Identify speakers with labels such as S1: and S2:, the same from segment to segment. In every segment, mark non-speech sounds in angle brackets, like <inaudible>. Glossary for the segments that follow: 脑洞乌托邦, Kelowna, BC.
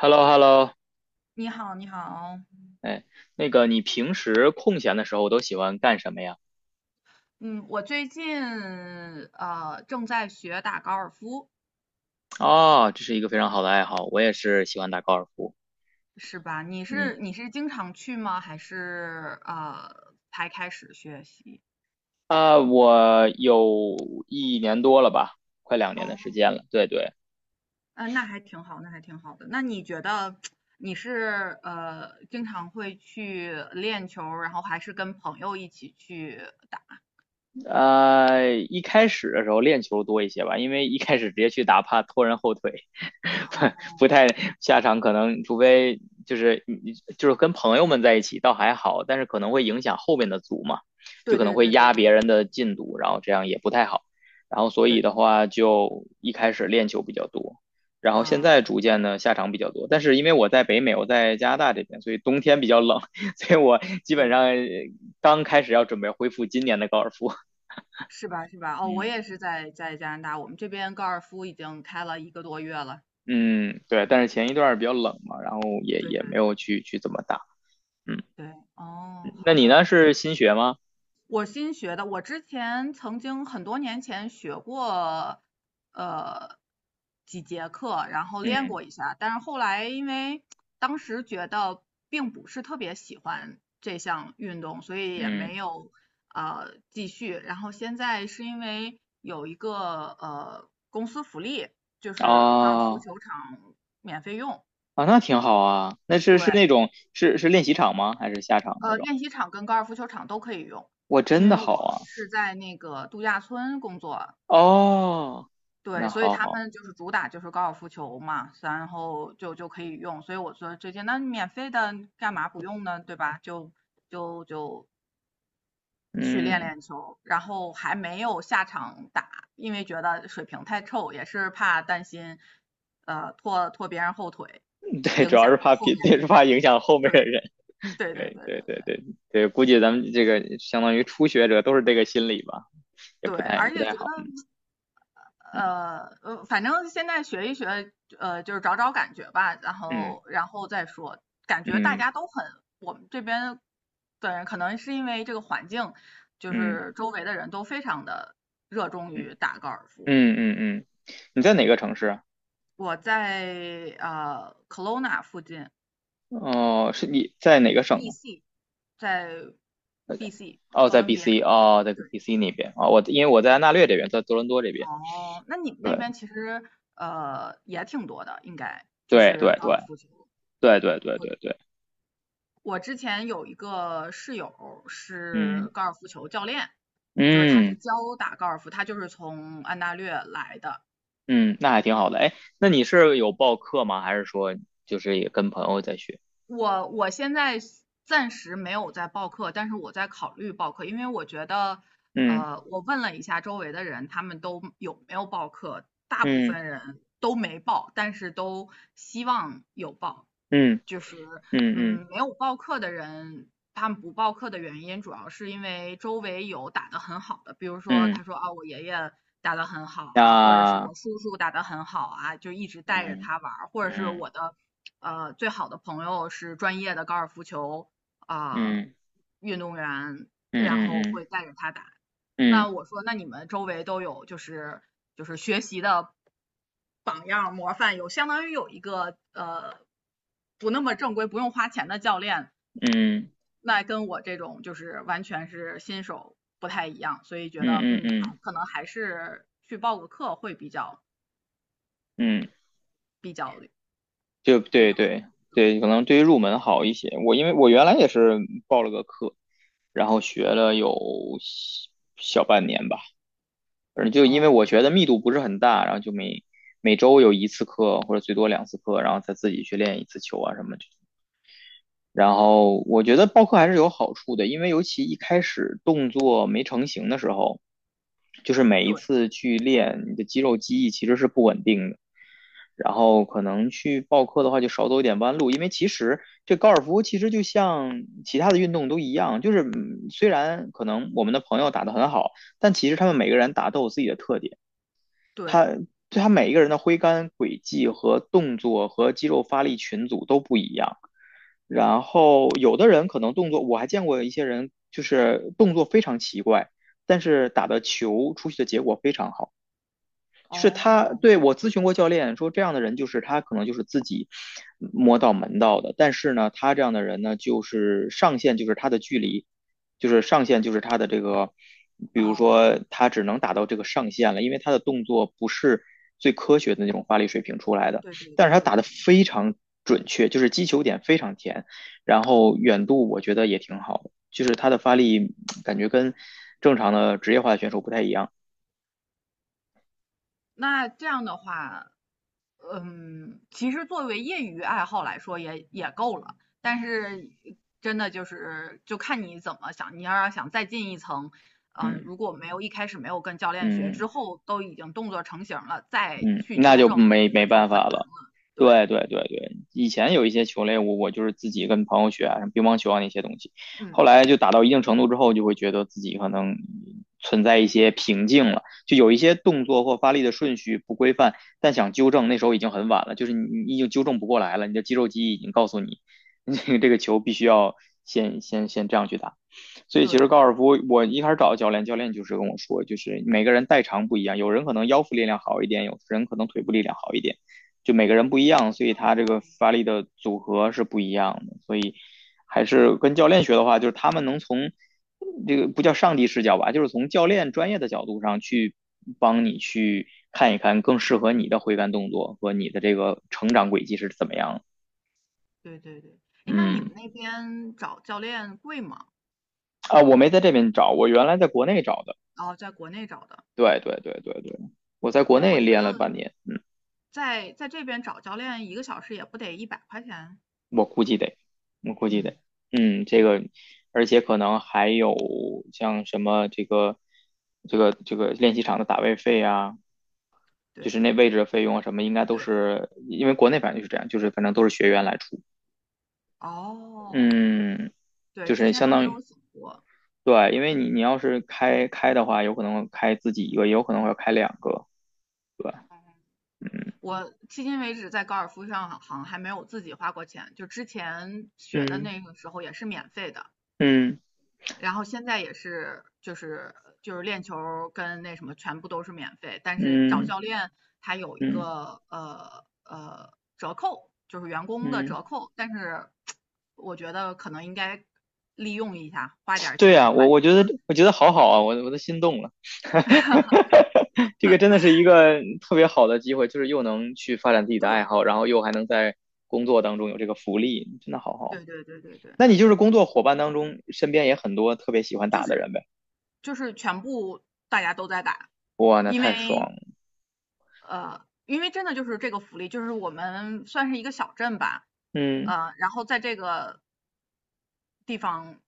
S1: h e l l o h e l l o。
S2: 你好，你好。
S1: 哎，那个你平时空闲的时候都喜欢干什么呀？
S2: 嗯，我最近正在学打高尔夫。
S1: 哦，这是一个非常好的爱好，我也是喜欢打高尔夫。
S2: 是吧？你
S1: 嗯，
S2: 是你是经常去吗？还是才开始学习？
S1: 我有一年多了吧，快两年的时
S2: 哦。
S1: 间了。对对。
S2: 那还挺好，那还挺好的。那你觉得你是经常会去练球然后还是跟朋友一起去打？
S1: 一开始的时候练球多一些吧，因为一开始直接去打，怕拖人后腿。<laughs> 不
S2: 哦，
S1: 太下场，可能除非就是就是跟朋友们在一起倒还好，但是可能会影响后面的组嘛，就
S2: 对
S1: 可能
S2: 对
S1: 会
S2: 对对
S1: 压
S2: 对
S1: 别
S2: 对
S1: 人
S2: 对
S1: 的进度，然后这样也不太好。然后所以
S2: 对，
S1: 的话，就一开始练球比较多，然后现
S2: 啊，
S1: 在逐渐的下场比较多。但是因为我在北美，我在加拿大这边，所以冬天比较冷，<laughs> 所以我基本
S2: 对，
S1: 上刚开始要准备恢复今年的高尔夫。
S2: 是吧是吧？哦，我也
S1: 嗯，
S2: 是在加拿大，我们这边高尔夫已经开了一个多月了。
S1: 嗯，对，但是前一段儿比较冷嘛，然后也
S2: 对
S1: 也
S2: 对
S1: 没
S2: 对
S1: 有去怎么打。嗯。
S2: 对。
S1: 嗯
S2: 哦，
S1: 那
S2: 好
S1: 你
S2: 的。
S1: 呢？是新学吗？
S2: 我新学的，我之前曾经很多年前学过，呃，几节课，然后练
S1: 嗯
S2: 过一下，但是后来因为当时觉得并不是特别喜欢这项运动，所以也
S1: 嗯。
S2: 没有继续。然后现在是因为有一个公司福利，就是高尔夫
S1: 哦。
S2: 球场免费用。
S1: 啊，那挺好啊。那是是
S2: 对，
S1: 那种是是练习场吗？还是下场那种？
S2: 练习场跟高尔夫球场都可以用，
S1: 我
S2: 因
S1: 真的
S2: 为
S1: 好
S2: 我
S1: 啊。
S2: 是在那个度假村工作，
S1: 哦，
S2: 对，
S1: 那
S2: 所以
S1: 好
S2: 他
S1: 好。
S2: 们就是主打就是高尔夫球嘛，然后就可以用，所以我说最近那免费的干嘛不用呢，对吧？就去练
S1: 嗯，
S2: 练球，然后还没有下场打，因为觉得水平太臭，也是怕担心拖拖别人后腿，
S1: 对，主
S2: 影
S1: 要
S2: 响
S1: 是怕
S2: 后
S1: 别，
S2: 面的
S1: 对，是
S2: 人，
S1: 怕影响后面的人。
S2: 对对对
S1: 对
S2: 对对
S1: 对对
S2: 对
S1: 对对，估计咱们这个相当于初学者都是这个心理吧，也
S2: 对，
S1: 不太也
S2: 而
S1: 不
S2: 且
S1: 太
S2: 觉
S1: 好。
S2: 得。
S1: 嗯
S2: 反正现在学一学，就是找找感觉吧，然
S1: 嗯
S2: 后然后再说。感觉大
S1: 嗯
S2: 家都很，我们这边的人可能是因为这个环境，就
S1: 嗯
S2: 是周围的人都非常的热衷于
S1: 嗯。
S2: 打高尔夫。
S1: 嗯嗯嗯，你在哪
S2: 嗯，
S1: 个城市啊？
S2: 我在Kelowna 附近
S1: 哦，是你在哪个省啊？
S2: ，BC，在 BC
S1: 哦，
S2: 哥
S1: 在
S2: 伦比亚。
S1: BC,哦，在
S2: 对
S1: BC 那边啊、哦我因为我在
S2: 对
S1: 安
S2: 对。
S1: 大略这边，在多伦多这边。
S2: 哦，那你们那
S1: 对
S2: 边其实也挺多的，应该就
S1: 对对
S2: 是高
S1: 对
S2: 尔夫球。
S1: 对对对对对。
S2: 我之前有一个室友
S1: 嗯
S2: 是高尔夫球教练，就是他是
S1: 嗯
S2: 教打高尔夫，他就是从安大略来的。
S1: 嗯，那还挺好的。哎，那你是有报课吗？还是说就是也跟朋友在学？
S2: 我现在暂时没有在报课，但是我在考虑报课，因为我觉得，
S1: 嗯
S2: 我问了一下周围的人，他们都有没有报课，大部
S1: 嗯
S2: 分人都没报，但是都希望有报。
S1: 嗯
S2: 就是，
S1: 嗯嗯
S2: 没有报课的人，他们不报课的原因，主要是因为周围有打得很好的，比如说
S1: 嗯。
S2: 他说啊，我爷爷打得很好啊，或者是我
S1: 那
S2: 叔叔打得很好啊，就一直带着
S1: 嗯
S2: 他玩儿，或者是
S1: 嗯
S2: 我的最好的朋友是专业的高尔夫球啊
S1: 嗯
S2: 运动员，然
S1: 嗯
S2: 后
S1: 嗯
S2: 会带着他打。
S1: 嗯
S2: 那我说，那你们周围都有就是学习的。榜样模范，有相当于有一个不那么正规、不用花钱的教练，
S1: 嗯嗯
S2: 那跟我这种就是完全是新手不太一样，所以觉得
S1: 嗯嗯嗯嗯嗯
S2: 还
S1: 嗯
S2: 可能还是去报个课会
S1: 嗯
S2: 比较
S1: 就
S2: 比
S1: 对
S2: 较好。
S1: 对对，可能对于入门好一些。我因为我原来也是报了个课，然后学了有小小半年吧，反正就因为我
S2: 嗯，
S1: 学的密度不是很大，然后就每周有一次课或者最多两次课，然后再自己去练一次球啊什么的。然后我觉得报课还是有好处的，因为尤其一开始动作没成型的时候，就是每一
S2: 对
S1: 次去练，你的肌肉记忆其实是不稳定的。然后可能去报课的话，就少走一点弯路，因为其实这高尔夫其实就像其他的运动都一样，就是嗯虽然可能我们的朋友打得很好，但其实他们每个人打都有自己的特点，他
S2: 对，
S1: 对他每一个人的挥杆轨迹和动作和肌肉发力群组都不一样。然后有的人可能动作，我还见过一些人就是动作非常奇怪，但是打的球出去的结果非常好。就是他
S2: 哦
S1: 对我咨询过教练说，这样的人就是他可能就是自己摸到门道的，但是呢，他这样的人呢，就是上限就是他的距离，就是上限就是他的这个，比如
S2: 哦，
S1: 说他只能打到这个上限了，因为他的动作不是最科学的那种发力水平出来的，
S2: 对对
S1: 但是
S2: 对
S1: 他
S2: 对
S1: 打的
S2: 对。
S1: 非常准确，就是击球点非常甜，然后远度我觉得也挺好的，就是他的发力感觉跟正常的职业化的选手不太一样。
S2: 那这样的话，其实作为业余爱好来说也够了，但是真的就是就看你怎么想，你要是想再进一层，
S1: 嗯
S2: 如果没有一开始没有跟教练学，之
S1: 嗯。
S2: 后都已经动作成型了，再
S1: 嗯，
S2: 去
S1: 那
S2: 纠
S1: 就
S2: 正，我觉
S1: 没
S2: 得就
S1: 办
S2: 很
S1: 法
S2: 难
S1: 了。
S2: 了。对，
S1: 对对对对，以前有一些球类我就是自己跟朋友学啊，像乒乓球啊那些东西，
S2: 嗯，
S1: 后来就打到一定程度之后，就会觉得自己可能存在一些瓶颈了，就有一些动作或发力的顺序不规范，但想纠正那时候已经很晚了，就是你已经纠正不过来了，你的肌肉记忆已经告诉你，<laughs> 这个这个球必须要先这样去打。所以
S2: 对，
S1: 其实高尔夫我一开始找教练，教练就是跟我说，就是每个人代偿不一样，有人可能腰腹力量好一点，有人可能腿部力量好一点，就每个人不一样，所以他这个发力的组合是不一样的。所以还是跟教练学的话，就是他们能从这个不叫上帝视角吧，就是从教练专业的角度上去帮你去看一看更适合你的挥杆动作和你的这个成长轨迹是怎么样。
S2: 对对对。哎，那你们
S1: 嗯。
S2: 那边找教练贵吗？
S1: 我没在这边找，我原来在国内找的。
S2: 然后在国内找的，
S1: 对对对对对，我在国
S2: 因为我
S1: 内
S2: 觉
S1: 练了
S2: 得
S1: 半年。嗯，
S2: 在这边找教练一个小时也不得100块钱。
S1: 我估计得，我估计得。
S2: 嗯
S1: 嗯，这
S2: 嗯，
S1: 个，而且可能还有像什么这个，这个练习场的打位费啊，就
S2: 对
S1: 是那位置的费用啊什么，应该都
S2: 对。
S1: 是因为国内反正就是这样，就是反正都是学员来出。
S2: 哦，
S1: 嗯，
S2: 对，
S1: 就
S2: 之
S1: 是
S2: 前
S1: 相
S2: 都没
S1: 当于
S2: 有想过。
S1: 对，因为你你要是开开的话，有可能开自己一个，也有可能会开两个，对吧。
S2: 我迄今为止在高尔夫上好像还没有自己花过钱，就之前学的
S1: 嗯
S2: 那个时候也是免费的，
S1: 嗯
S2: 然后现在也是就是练球儿跟那什么全部都是免费，但是找
S1: 嗯嗯
S2: 教练他有一
S1: 嗯嗯。
S2: 个折扣，就是员工的
S1: 嗯
S2: 折扣，但是我觉得可能应该利用一下，花点儿
S1: 对呀，
S2: 钱把
S1: 我
S2: 这个。
S1: 觉得我觉得好好啊，我都心动了。<laughs> 这个真的是一个特别好的机会，就是又能去发展自己的爱好，然后又还能在工作当中有这个福利，真的好好啊。
S2: 对对对对对对。
S1: 那你就是工作伙伴当中身边也很多特别喜欢
S2: 就
S1: 打的人
S2: 是
S1: 呗？
S2: 就是全部大家都在打，
S1: 哇，那
S2: 因
S1: 太爽
S2: 为
S1: 了。
S2: 因为真的就是这个福利，就是我们算是一个小镇吧，
S1: 嗯
S2: 然后在这个地方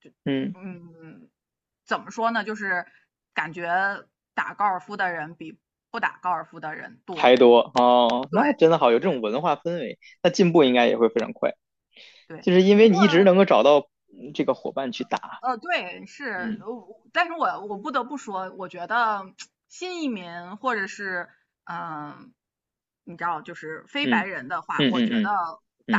S2: 就
S1: 嗯，
S2: 嗯，怎么说呢，就是感觉打高尔夫的人比不打高尔夫的人
S1: 还
S2: 多，
S1: 多哦，
S2: 对
S1: 那真的好，有这种
S2: 对
S1: 文化氛围，那进步应该也
S2: 对
S1: 会非常快，
S2: 对。
S1: 就是因为
S2: 不
S1: 你
S2: 过
S1: 一直能够找到嗯这个伙伴去打。
S2: 对，是，
S1: 嗯
S2: 但是我不得不说，我觉得新移民或者是嗯、呃你知道，就是非白
S1: 嗯
S2: 人的话，
S1: 嗯
S2: 我
S1: 嗯
S2: 觉得
S1: 嗯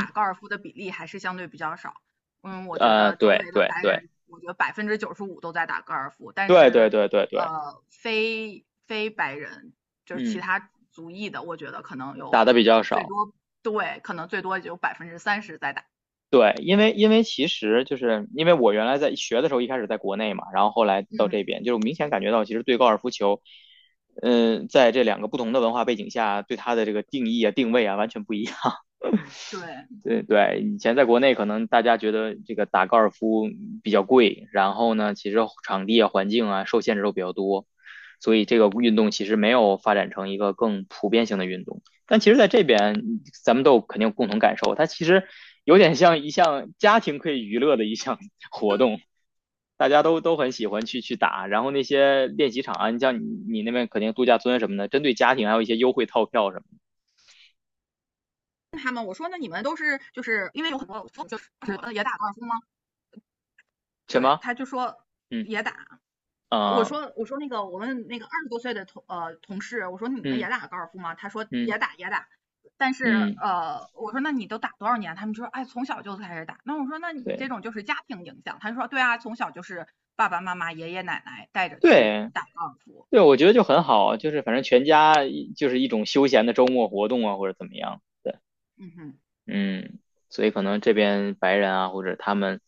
S1: 嗯。
S2: 高尔夫的比例还是相对比较少。我觉得周围
S1: 对
S2: 的
S1: 对
S2: 白
S1: 对
S2: 人，我觉得95%都在打高尔夫，但
S1: 对对
S2: 是
S1: 对对对。
S2: 非白人就是其
S1: 嗯，
S2: 他族裔的，我觉得可能
S1: 打
S2: 有
S1: 的比较
S2: 最
S1: 少。
S2: 多，对，可能最多也就30%在打。
S1: 对，因为因为其实就是因为我原来在学的时候，一开始在国内嘛，然后后来到这
S2: 嗯，
S1: 边，就是我明显感觉到，其实对高尔夫球，嗯、在这两个不同的文化背景下，对它的这个定义啊、定位啊，完全不一样。
S2: 对。
S1: 对对，以前在国内可能大家觉得这个打高尔夫比较贵，然后呢，其实场地啊、环境啊受限制都比较多，所以这个运动其实没有发展成一个更普遍性的运动。但其实在这边，咱们都有肯定有共同感受，它其实有点像一项家庭可以娱乐的一项 <laughs> 活动，大家都很喜欢去打。然后那些练习场啊，你像你那边肯定度假村什么的，针对家庭还有一些优惠套票什么的
S2: 他们，我说那你们都是就是因为有很多就是也打高尔夫吗？
S1: 什
S2: 对，
S1: 么。
S2: 他就说
S1: 嗯
S2: 也打。我
S1: 啊
S2: 说我说那个我们那个20多岁的同事，我说你们也
S1: 嗯
S2: 打高尔夫吗？他说也
S1: 嗯
S2: 打也打。但是
S1: 嗯。嗯
S2: 我说那你都打多少年？他们就说哎，从小就开始打。那我说那你这
S1: 对
S2: 种就是家庭影响。他说对啊，从小就是爸爸妈妈、爷爷奶奶带着去
S1: 对
S2: 打高尔夫。
S1: 对，我觉得就很好，就是反正全家一就是一种休闲的周末活动啊，或者怎么样。对。
S2: 嗯哼，
S1: 嗯，所以可能这边白人啊，或者他们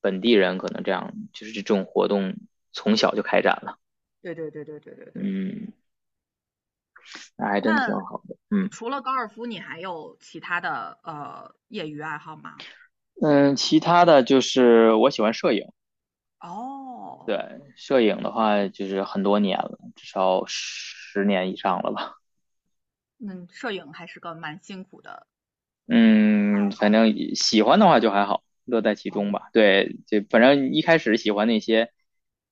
S1: 本地人，可能这样就是这种活动从小就开展了。
S2: 对对对对对对对。
S1: 嗯，那还真挺
S2: 那
S1: 好的。嗯
S2: 除了高尔夫，你还有其他的业余爱好吗？
S1: 嗯，其他的就是我喜欢摄影。
S2: 哦，
S1: 对，摄影的话就是很多年了，至少十年以上了吧。
S2: 那摄影还是个蛮辛苦的爱
S1: 嗯，反
S2: 好，
S1: 正喜欢的话就还好，乐在其中
S2: 嗯，
S1: 吧。对，就反正一开始喜欢那些。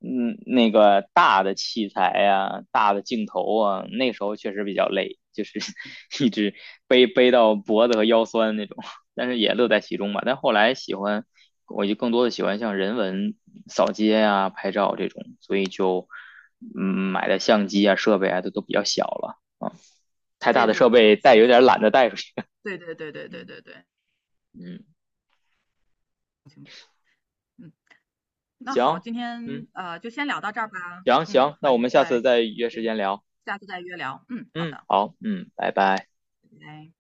S1: 那个大的器材呀、大的镜头啊，那时候确实比较累，就是 <laughs> 一直背到脖子和腰酸那种，但是也乐
S2: 对，
S1: 在其中吧。但后来喜欢，我就更多的喜欢像人文扫街啊、拍照这种，所以就嗯
S2: 挺
S1: 买
S2: 好
S1: 的
S2: 的，
S1: 相机啊、设备啊都比较小了啊，太大
S2: 这
S1: 的
S2: 就
S1: 设
S2: 比较
S1: 备带
S2: 轻
S1: 有点
S2: 松。
S1: 懒得带出去。<laughs>
S2: 对对对对对
S1: 嗯
S2: 对对。
S1: 嗯，
S2: 嗯，那好，
S1: 行。
S2: 今
S1: 嗯，
S2: 天就先聊到这儿吧。
S1: 行
S2: 嗯，
S1: 行，那
S2: 很
S1: 我
S2: 愉
S1: 们下次
S2: 快。
S1: 再约时
S2: 对，
S1: 间聊。
S2: 下次再约聊。嗯，好
S1: 嗯，
S2: 的，
S1: 好，嗯，拜拜。
S2: 拜拜。